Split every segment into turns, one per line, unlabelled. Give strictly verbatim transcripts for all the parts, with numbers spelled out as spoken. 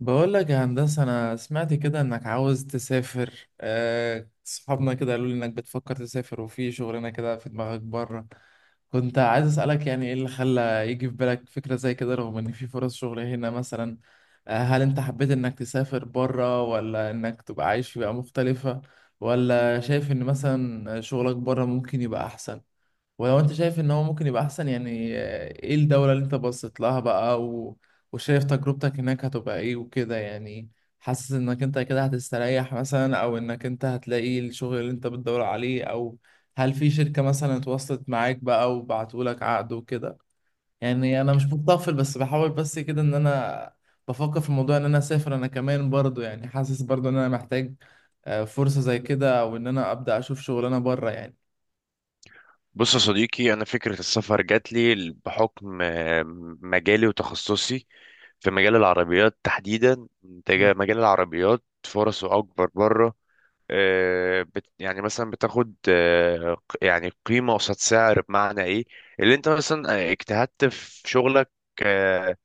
بقول لك يا هندسة، أنا سمعت كده إنك عاوز تسافر. آه، صحابنا كده قالوا لي إنك بتفكر تسافر وفي شغلنا كده في دماغك بره. كنت عايز أسألك يعني إيه اللي خلى يجي في بالك فكرة زي كده رغم إن في فرص شغل هنا مثلا. آه، هل أنت حبيت إنك تسافر بره، ولا إنك تبقى عايش في بيئة مختلفة؟ ولا شايف إن مثلا شغلك بره ممكن يبقى أحسن؟ ولو انت شايف ان هو ممكن يبقى احسن، يعني آه، ايه الدولة اللي انت بصيت لها بقى و... وشايف تجربتك هناك هتبقى ايه وكده؟ يعني حاسس انك انت كده هتستريح مثلا، او انك انت هتلاقي الشغل اللي انت بتدور عليه؟ او هل في شركة مثلا اتواصلت معاك بقى وبعتولك عقد وكده؟ يعني انا مش متطفل، بس بحاول بس كده ان انا بفكر في الموضوع ان انا اسافر انا كمان برضو. يعني حاسس برضو ان انا محتاج آه، فرصة زي كده، او ان انا ابدا اشوف شغلانة بره يعني.
بص يا صديقي، أنا فكرة السفر جات لي بحكم آه، مجالي وتخصصي في مجال العربيات تحديدا. انت جا- مجال العربيات فرصه أكبر بره. آه، بت- يعني مثلا بتاخد آه، ق- يعني قيمة قصاد سعر، بمعنى إيه اللي أنت مثلا آه، اجتهدت في شغلك، آه،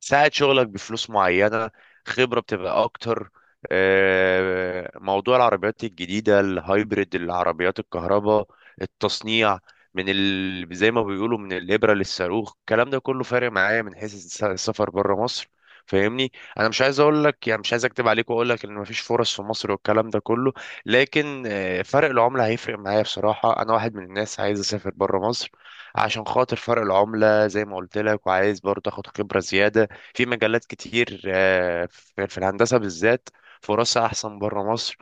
ساعة شغلك بفلوس معينة، خبرة بتبقى أكتر. آه، موضوع العربيات الجديدة، الهايبريد، العربيات الكهرباء، التصنيع، من ال... زي ما بيقولوا من الإبرة للصاروخ، الكلام ده كله فارق معايا من حيث الس- السفر بره مصر، فاهمني؟ انا مش عايز اقول لك، يعني مش عايز اكتب عليك واقول لك ان مفيش فرص في مصر والكلام ده كله، لكن آه، فرق العمله هيفرق معايا. بصراحه انا واحد من الناس عايز اسافر بره مصر عشان خاطر فرق العملة زي ما قلت لك، وعايز برضه اخد خبرة زيادة في مجالات كتير، آه، في في الهندسة بالذات، فرصها أحسن بره مصر،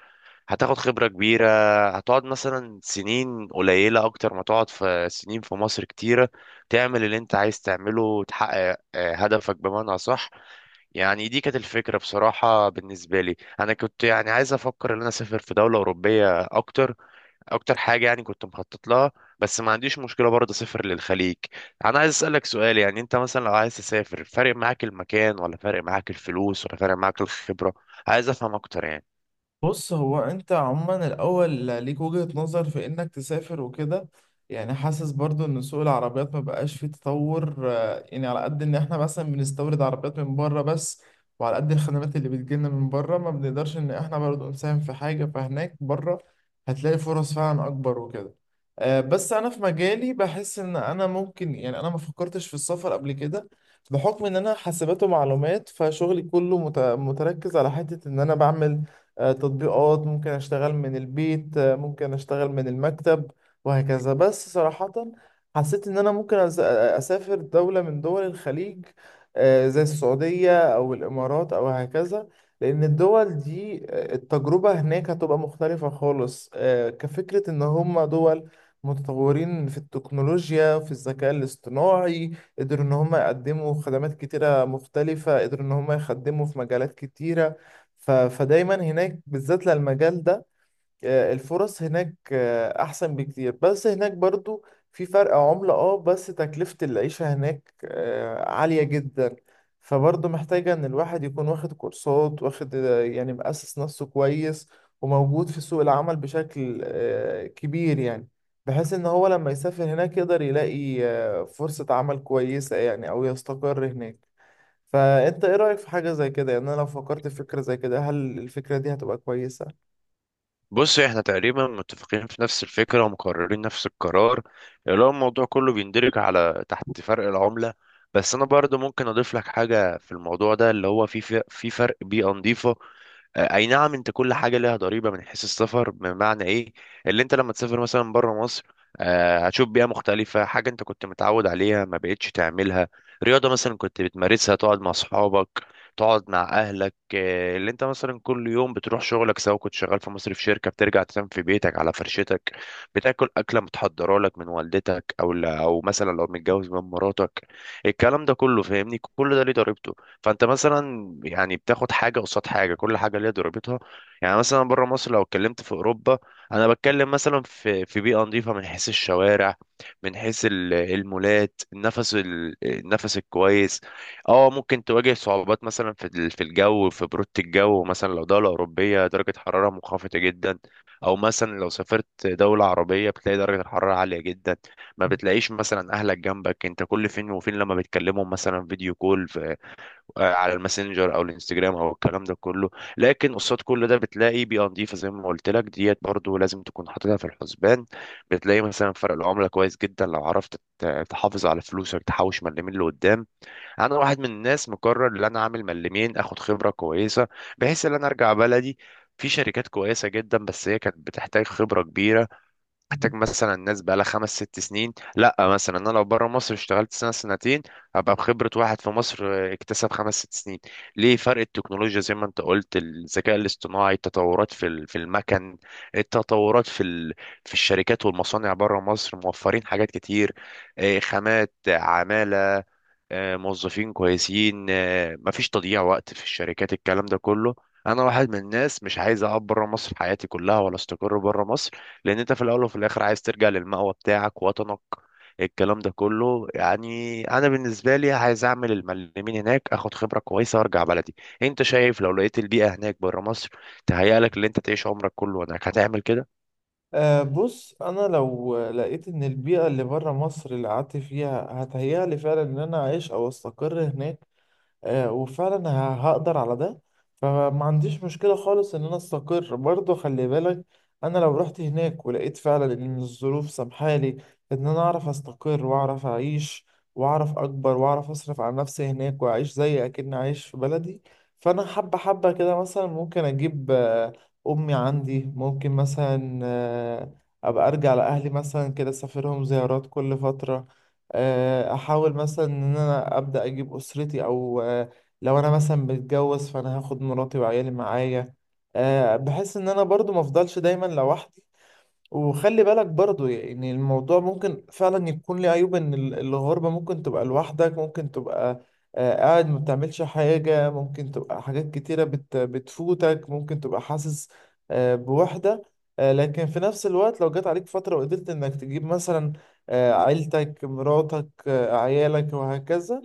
هتاخد خبرة كبيرة، هتقعد مثلا سنين قليلة أكتر ما تقعد في سنين في مصر كتيرة، تعمل اللي أنت عايز تعمله وتحقق آه، هدفك، بمعنى صح. يعني دي كانت الفكرة بصراحة. بالنسبة لي أنا كنت يعني عايز أفكر إن أنا أسافر في دولة أوروبية، أكتر اكتر حاجه يعني كنت مخطط لها، بس ما عنديش مشكله برضه اسافر للخليج. انا عايز اسالك سؤال، يعني انت مثلا لو عايز تسافر، فارق معاك المكان ولا فارق معاك الفلوس ولا فارق معاك الخبره؟ عايز افهم اكتر يعني.
بص، هو انت عموما الاول ليك وجهة نظر في انك تسافر وكده. يعني حاسس برضو ان سوق العربيات ما بقاش فيه تطور، آه، يعني على قد ان احنا مثلا بنستورد عربيات من بره بس، وعلى قد الخدمات اللي بتجيلنا من بره ما بنقدرش ان احنا برضو نساهم في حاجة، فهناك بره هتلاقي فرص فعلا اكبر وكده. آه، بس انا في مجالي بحس ان انا ممكن، يعني انا ما فكرتش في السفر قبل كده بحكم ان انا حاسبات ومعلومات، فشغلي كله مت- متركز على حتة ان انا بعمل آه، تطبيقات. ممكن اشتغل من البيت، آه، ممكن اشتغل من المكتب وهكذا. بس صراحة حسيت ان انا ممكن أز- اسافر دولة من دول الخليج، آه، زي السعودية او الامارات او هكذا، لان الدول دي آه، التجربة هناك هتبقى مختلفة خالص. آه، كفكرة ان هم دول متطورين في التكنولوجيا، في الذكاء الاصطناعي، قدروا ان هم يقدموا خدمات كتيرة مختلفة، قدروا ان هم يخدموا في مجالات كتيرة. ف- فدايما هناك بالذات للمجال ده آه، الفرص هناك آه، احسن بكتير. بس هناك برضو في فرق عملة، اه بس تكلفة العيشة هناك آه، عالية جدا، فبرضو محتاجة ان الواحد يكون واخد كورسات، واخد آه، يعني مؤسس نفسه كويس، وموجود في سوق العمل بشكل آه، كبير يعني، بحيث ان هو لما يسافر هناك يقدر يلاقي آه، فرصة عمل كويسة يعني، او يستقر هناك. فانت ايه رأيك في حاجة زي كده؟ يعني انا لو فكرت في فكرة زي كده، هل الفكرة دي هتبقى كويسة؟
بص، احنا تقريبا متفقين في نفس الفكره ومقررين نفس القرار، اللي هو الموضوع كله بيندرج على تحت فرق العمله، بس انا برضه ممكن اضيف لك حاجه في الموضوع ده، اللي هو في في في فرق بيئه نظيفه. آه، اي نعم، انت كل حاجه ليها ضريبه من حيث السفر، بمعنى ايه؟ اللي انت لما تسافر مثلا بره مصر، آه، هتشوف بيئه مختلفه، حاجه انت كنت متعود عليها ما بقتش تعملها. رياضه مثلا كنت بتمارسها، تقعد مع اصحابك، تقعد مع اهلك، آه، اللي انت مثلا كل يوم بتروح شغلك، سواء كنت شغال في مصر في شركه، بترجع تنام في بيتك على فرشتك، بتاكل اكله متحضره لك من والدتك او او مثلا لو متجوز من مراتك، الكلام ده كله فاهمني، كل ده ليه ضريبته. فانت مثلا يعني بتاخد حاجه قصاد حاجه، كل حاجه ليها ضريبتها. يعني مثلا بره مصر لو اتكلمت في اوروبا، انا بتكلم مثلا في في بيئه نظيفه، من حيث الشوارع، من حيث ال- المولات، النفس ال- النفس الكويس. اه ممكن تواجه صعوبات مثلا في ال- في الجو، في بروده الجو، مثلا لو دوله اوروبيه درجه حراره منخفضه جدا، او مثلا لو سافرت دوله عربيه بتلاقي درجه الحراره عاليه جدا، ما بتلاقيش مثلا اهلك جنبك. انت كل فين وفين لما بتكلمهم مثلا فيديو كول آه، على الماسنجر او الانستجرام او الكلام ده كله، لكن قصاد كل ده بتلاقي بيئه نظيفه زي ما قلت لك، ديت برضو لازم تكون حاططها في الحسبان. بتلاقي مثلا فرق العمله كويس جدا، لو عرفت ت- تحافظ على فلوسك تحوش مليمين لقدام. انا واحد من الناس مقرر ان انا اعمل مليمين، اخد خبره كويسه، بحيث ان انا ارجع بلدي. في شركات كويسة جدا بس هي كانت بتحتاج خبرة كبيرة، احتاج مثلا ناس بقالها خمس ست سنين، لا مثلا انا لو بره مصر اشتغلت سنه سنتين هبقى بخبره واحد في مصر آه، اكتسب خمس ست سنين، ليه؟ فرق التكنولوجيا زي ما انت قلت، الذكاء الاصطناعي، التطورات في ال- في المكن، التطورات في ال- في الشركات والمصانع بره مصر، موفرين حاجات كتير، آه، خامات، عماله، آه، موظفين كويسين، آه، مفيش تضييع وقت في الشركات، الكلام ده كله. انا واحد من الناس مش عايز اقعد بره مصر حياتي كلها ولا استقر بره مصر، لان انت في الاول وفي الاخر عايز ترجع للمأوى بتاعك، وطنك، الكلام ده كله. يعني انا بالنسبه لي عايز اعمل المعلمين هناك، اخد خبره كويسه وارجع بلدي. انت شايف لو لقيت البيئه هناك بره مصر تهيأ لك اللي انت تعيش عمرك كله هناك هتعمل كده؟
أه، بص، انا لو لقيت ان البيئة اللي بره مصر اللي قعدت فيها هتهيألي فعلا ان انا اعيش او استقر هناك، آه، وفعلا ه- هقدر على ده، فما عنديش مشكلة خالص ان انا استقر. برضه خلي بالك، انا لو رحت هناك ولقيت فعلا ان الظروف سامحالي ان انا اعرف استقر، واعرف اعيش، واعرف اكبر، واعرف اصرف على نفسي هناك، واعيش زي اكني عايش في بلدي، فانا حبة حبة كده مثلا ممكن اجيب آه، امي عندي، ممكن مثلا آه، ابقى ارجع لاهلي مثلا كده، اسافرهم زيارات كل فترة. آه، احاول مثلا ان انا ابدا اجيب اسرتي، او آه، لو انا مثلا متجوز فانا هاخد مراتي وعيالي معايا. آه، بحس ان انا برضو ما افضلش دايما لوحدي. وخلي بالك برضو، يعني الموضوع ممكن فعلا يكون ليه عيوب، ان ال- الغربة ممكن تبقى لوحدك، ممكن تبقى آه، قاعد ما بتعملش حاجة، ممكن تبقى حاجات كتيرة بت بتفوتك، ممكن تبقى حاسس آه، بوحدة. آه، لكن في نفس الوقت، لو جت عليك فترة وقدرت انك تجيب مثلا آه، عيلتك، مراتك، آه، عيالك وهكذا،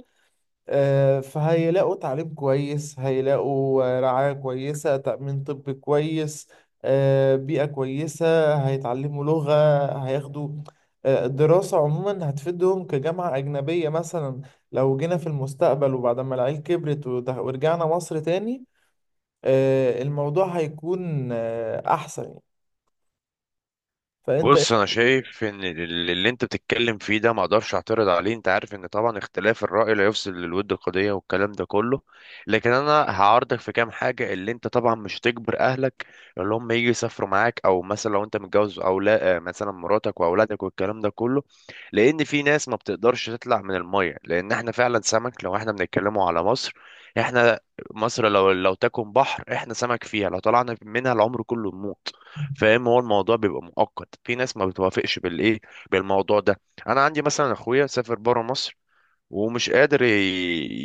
آه، فهيلاقوا تعليم كويس، هيلاقوا آه، رعاية كويسة، تأمين طبي كويس، آه، بيئة كويسة، هيتعلموا لغة، هياخدوا آه، الدراسة عموما هتفيدهم كجامعة أجنبية مثلا. لو جينا في المستقبل، وبعد ما العيل كبرت وده- ورجعنا مصر تاني، آه، الموضوع هيكون آه، أحسن يعني. فأنت
بص انا شايف ان ال- اللي انت بتتكلم فيه ده ما اقدرش اعترض عليه، انت عارف ان طبعا اختلاف الرأي لا يفسد للود قضية والكلام ده كله. لكن انا هعارضك في كام حاجة، اللي انت طبعا مش تجبر اهلك اللي هم يجي يسافروا معاك، او مثلا لو انت متجوز او لا آه، مثلا مراتك واولادك والكلام ده كله، لان في ناس ما بتقدرش تطلع من المية، لان احنا فعلا سمك لو احنا بنتكلموا على مصر. احنا مصر لو لو تكن بحر، احنا سمك فيها، لو طلعنا منها العمر كله نموت، فاهم؟ هو الموضوع بيبقى مؤقت، في ناس ما بتوافقش بالايه، بالموضوع ده. انا عندي مثلا اخويا سافر بره مصر، ومش قادر ي-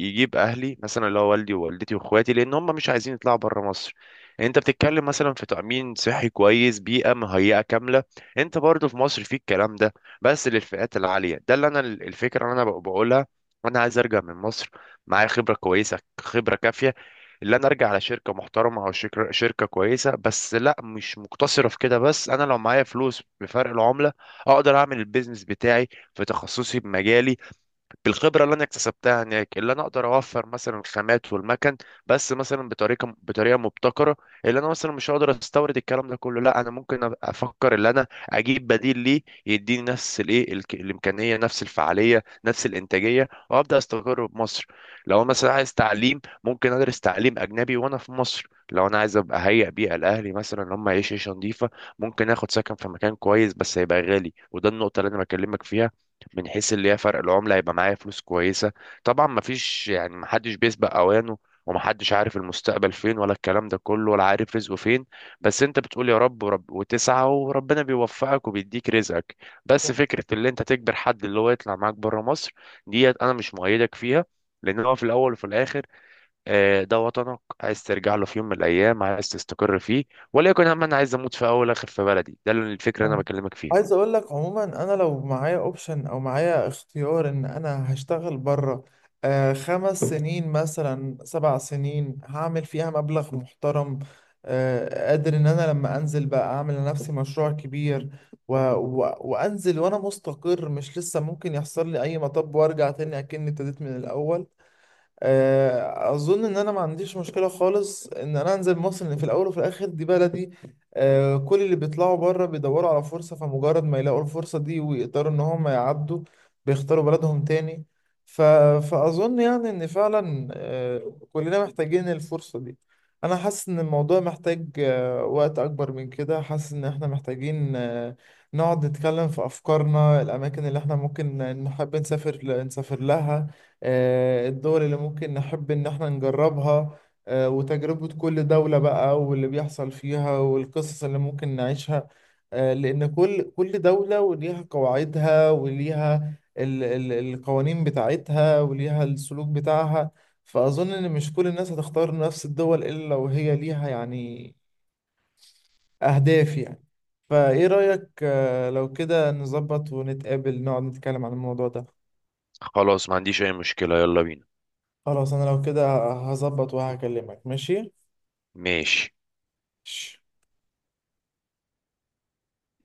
يجيب اهلي مثلا اللي هو والدي ووالدتي واخواتي لان هم مش عايزين يطلعوا بره مصر. يعني انت بتتكلم مثلا في تأمين صحي كويس، بيئة مهيئة كاملة، انت برضو في مصر في الكلام ده، بس للفئات العالية. ده اللي انا ال- الفكرة اللي انا بق- بقولها. انا عايز ارجع من مصر معايا خبرة كويسة، خبرة كافية، اللي انا ارجع على شركة محترمة او شركة شركة كويسة، بس لا مش مقتصرة في كده بس، انا لو معايا فلوس بفرق العملة اقدر اعمل البيزنس بتاعي في تخصصي بمجالي، بالخبره اللي انا اكتسبتها هناك، اللي انا اقدر اوفر مثلا الخامات والمكن، بس مثلا بطريقه بطريقه مبتكره، اللي انا مثلا مش هقدر استورد الكلام ده كله. لا انا ممكن أبقى افكر اللي انا اجيب بديل ليه يديني نفس الايه الك- الامكانيه، نفس الفعاليه، نفس الانتاجيه، وابدا استقر بمصر. لو أنا مثلا عايز تعليم ممكن ادرس تعليم اجنبي وانا في مصر. لو انا عايز ابقى هيئ بيئه لاهلي مثلا ان هم يعيشوا عيشه نظيفه ممكن اخد سكن في مكان كويس، بس هيبقى غالي، وده النقطه اللي انا بكلمك فيها، من حيث اللي هي فرق العملة هيبقى معايا فلوس كويسة. طبعا مفيش، يعني محدش بيسبق أوانه، ومحدش عارف المستقبل فين ولا الكلام ده كله، ولا عارف رزقه فين، بس انت بتقول يا رب ورب، وتسعى وربنا بيوفقك وبيديك رزقك. بس فكرة اللي انت تجبر حد اللي هو يطلع معاك بره مصر ديت انا مش مؤيدك فيها، لان هو في الاول وفي الاخر آه، ده وطنك، عايز ترجع له في يوم من الايام، عايز تستقر فيه، وليكن. هم انا عايز اموت في اول اخر في بلدي، ده اللي- الفكرة اللي انا
آه.
بكلمك فيها.
عايز اقول لك عموما، انا لو معايا اوبشن او معايا اختيار ان انا هشتغل بره آه خمس سنين مثلا، سبع سنين، هعمل فيها مبلغ محترم، آه قادر ان انا لما انزل بقى اعمل لنفسي مشروع كبير، و و وانزل وانا مستقر، مش لسه ممكن يحصل لي اي مطب وارجع تاني اكني ابتديت من الاول. آه، اظن ان انا ما عنديش مشكله خالص ان انا انزل مصر، لان في الاول وفي الاخر دي بلدي. آه، كل اللي بيطلعوا بره بيدوروا على فرصه، فمجرد ما يلاقوا الفرصه دي ويقدروا ان هم يعدوا بيختاروا بلدهم تاني. ف... فاظن يعني ان فعلا آه، كلنا محتاجين الفرصه دي. انا حاسس ان الموضوع محتاج آه، وقت اكبر من كده. حاسس ان احنا محتاجين آه، نقعد نتكلم في افكارنا، الاماكن اللي احنا ممكن نحب نسافر نسافر لها، آه، الدول اللي ممكن نحب إن احنا نجربها، آه، وتجربة كل دولة بقى، واللي بيحصل فيها، والقصص اللي ممكن نعيشها، آه، لأن كل كل دولة وليها قواعدها وليها ال ال القوانين بتاعتها وليها السلوك بتاعها. فأظن إن مش كل الناس هتختار نفس الدول، إلا لو هي ليها يعني أهداف يعني. فإيه رأيك آه، لو كده نظبط ونتقابل، نقعد نتكلم عن الموضوع ده؟
خلاص ما عنديش اي مشكلة، يلا بينا.
خلاص، انا لو كده هظبط وهكلمك. ماشي.
ماشي.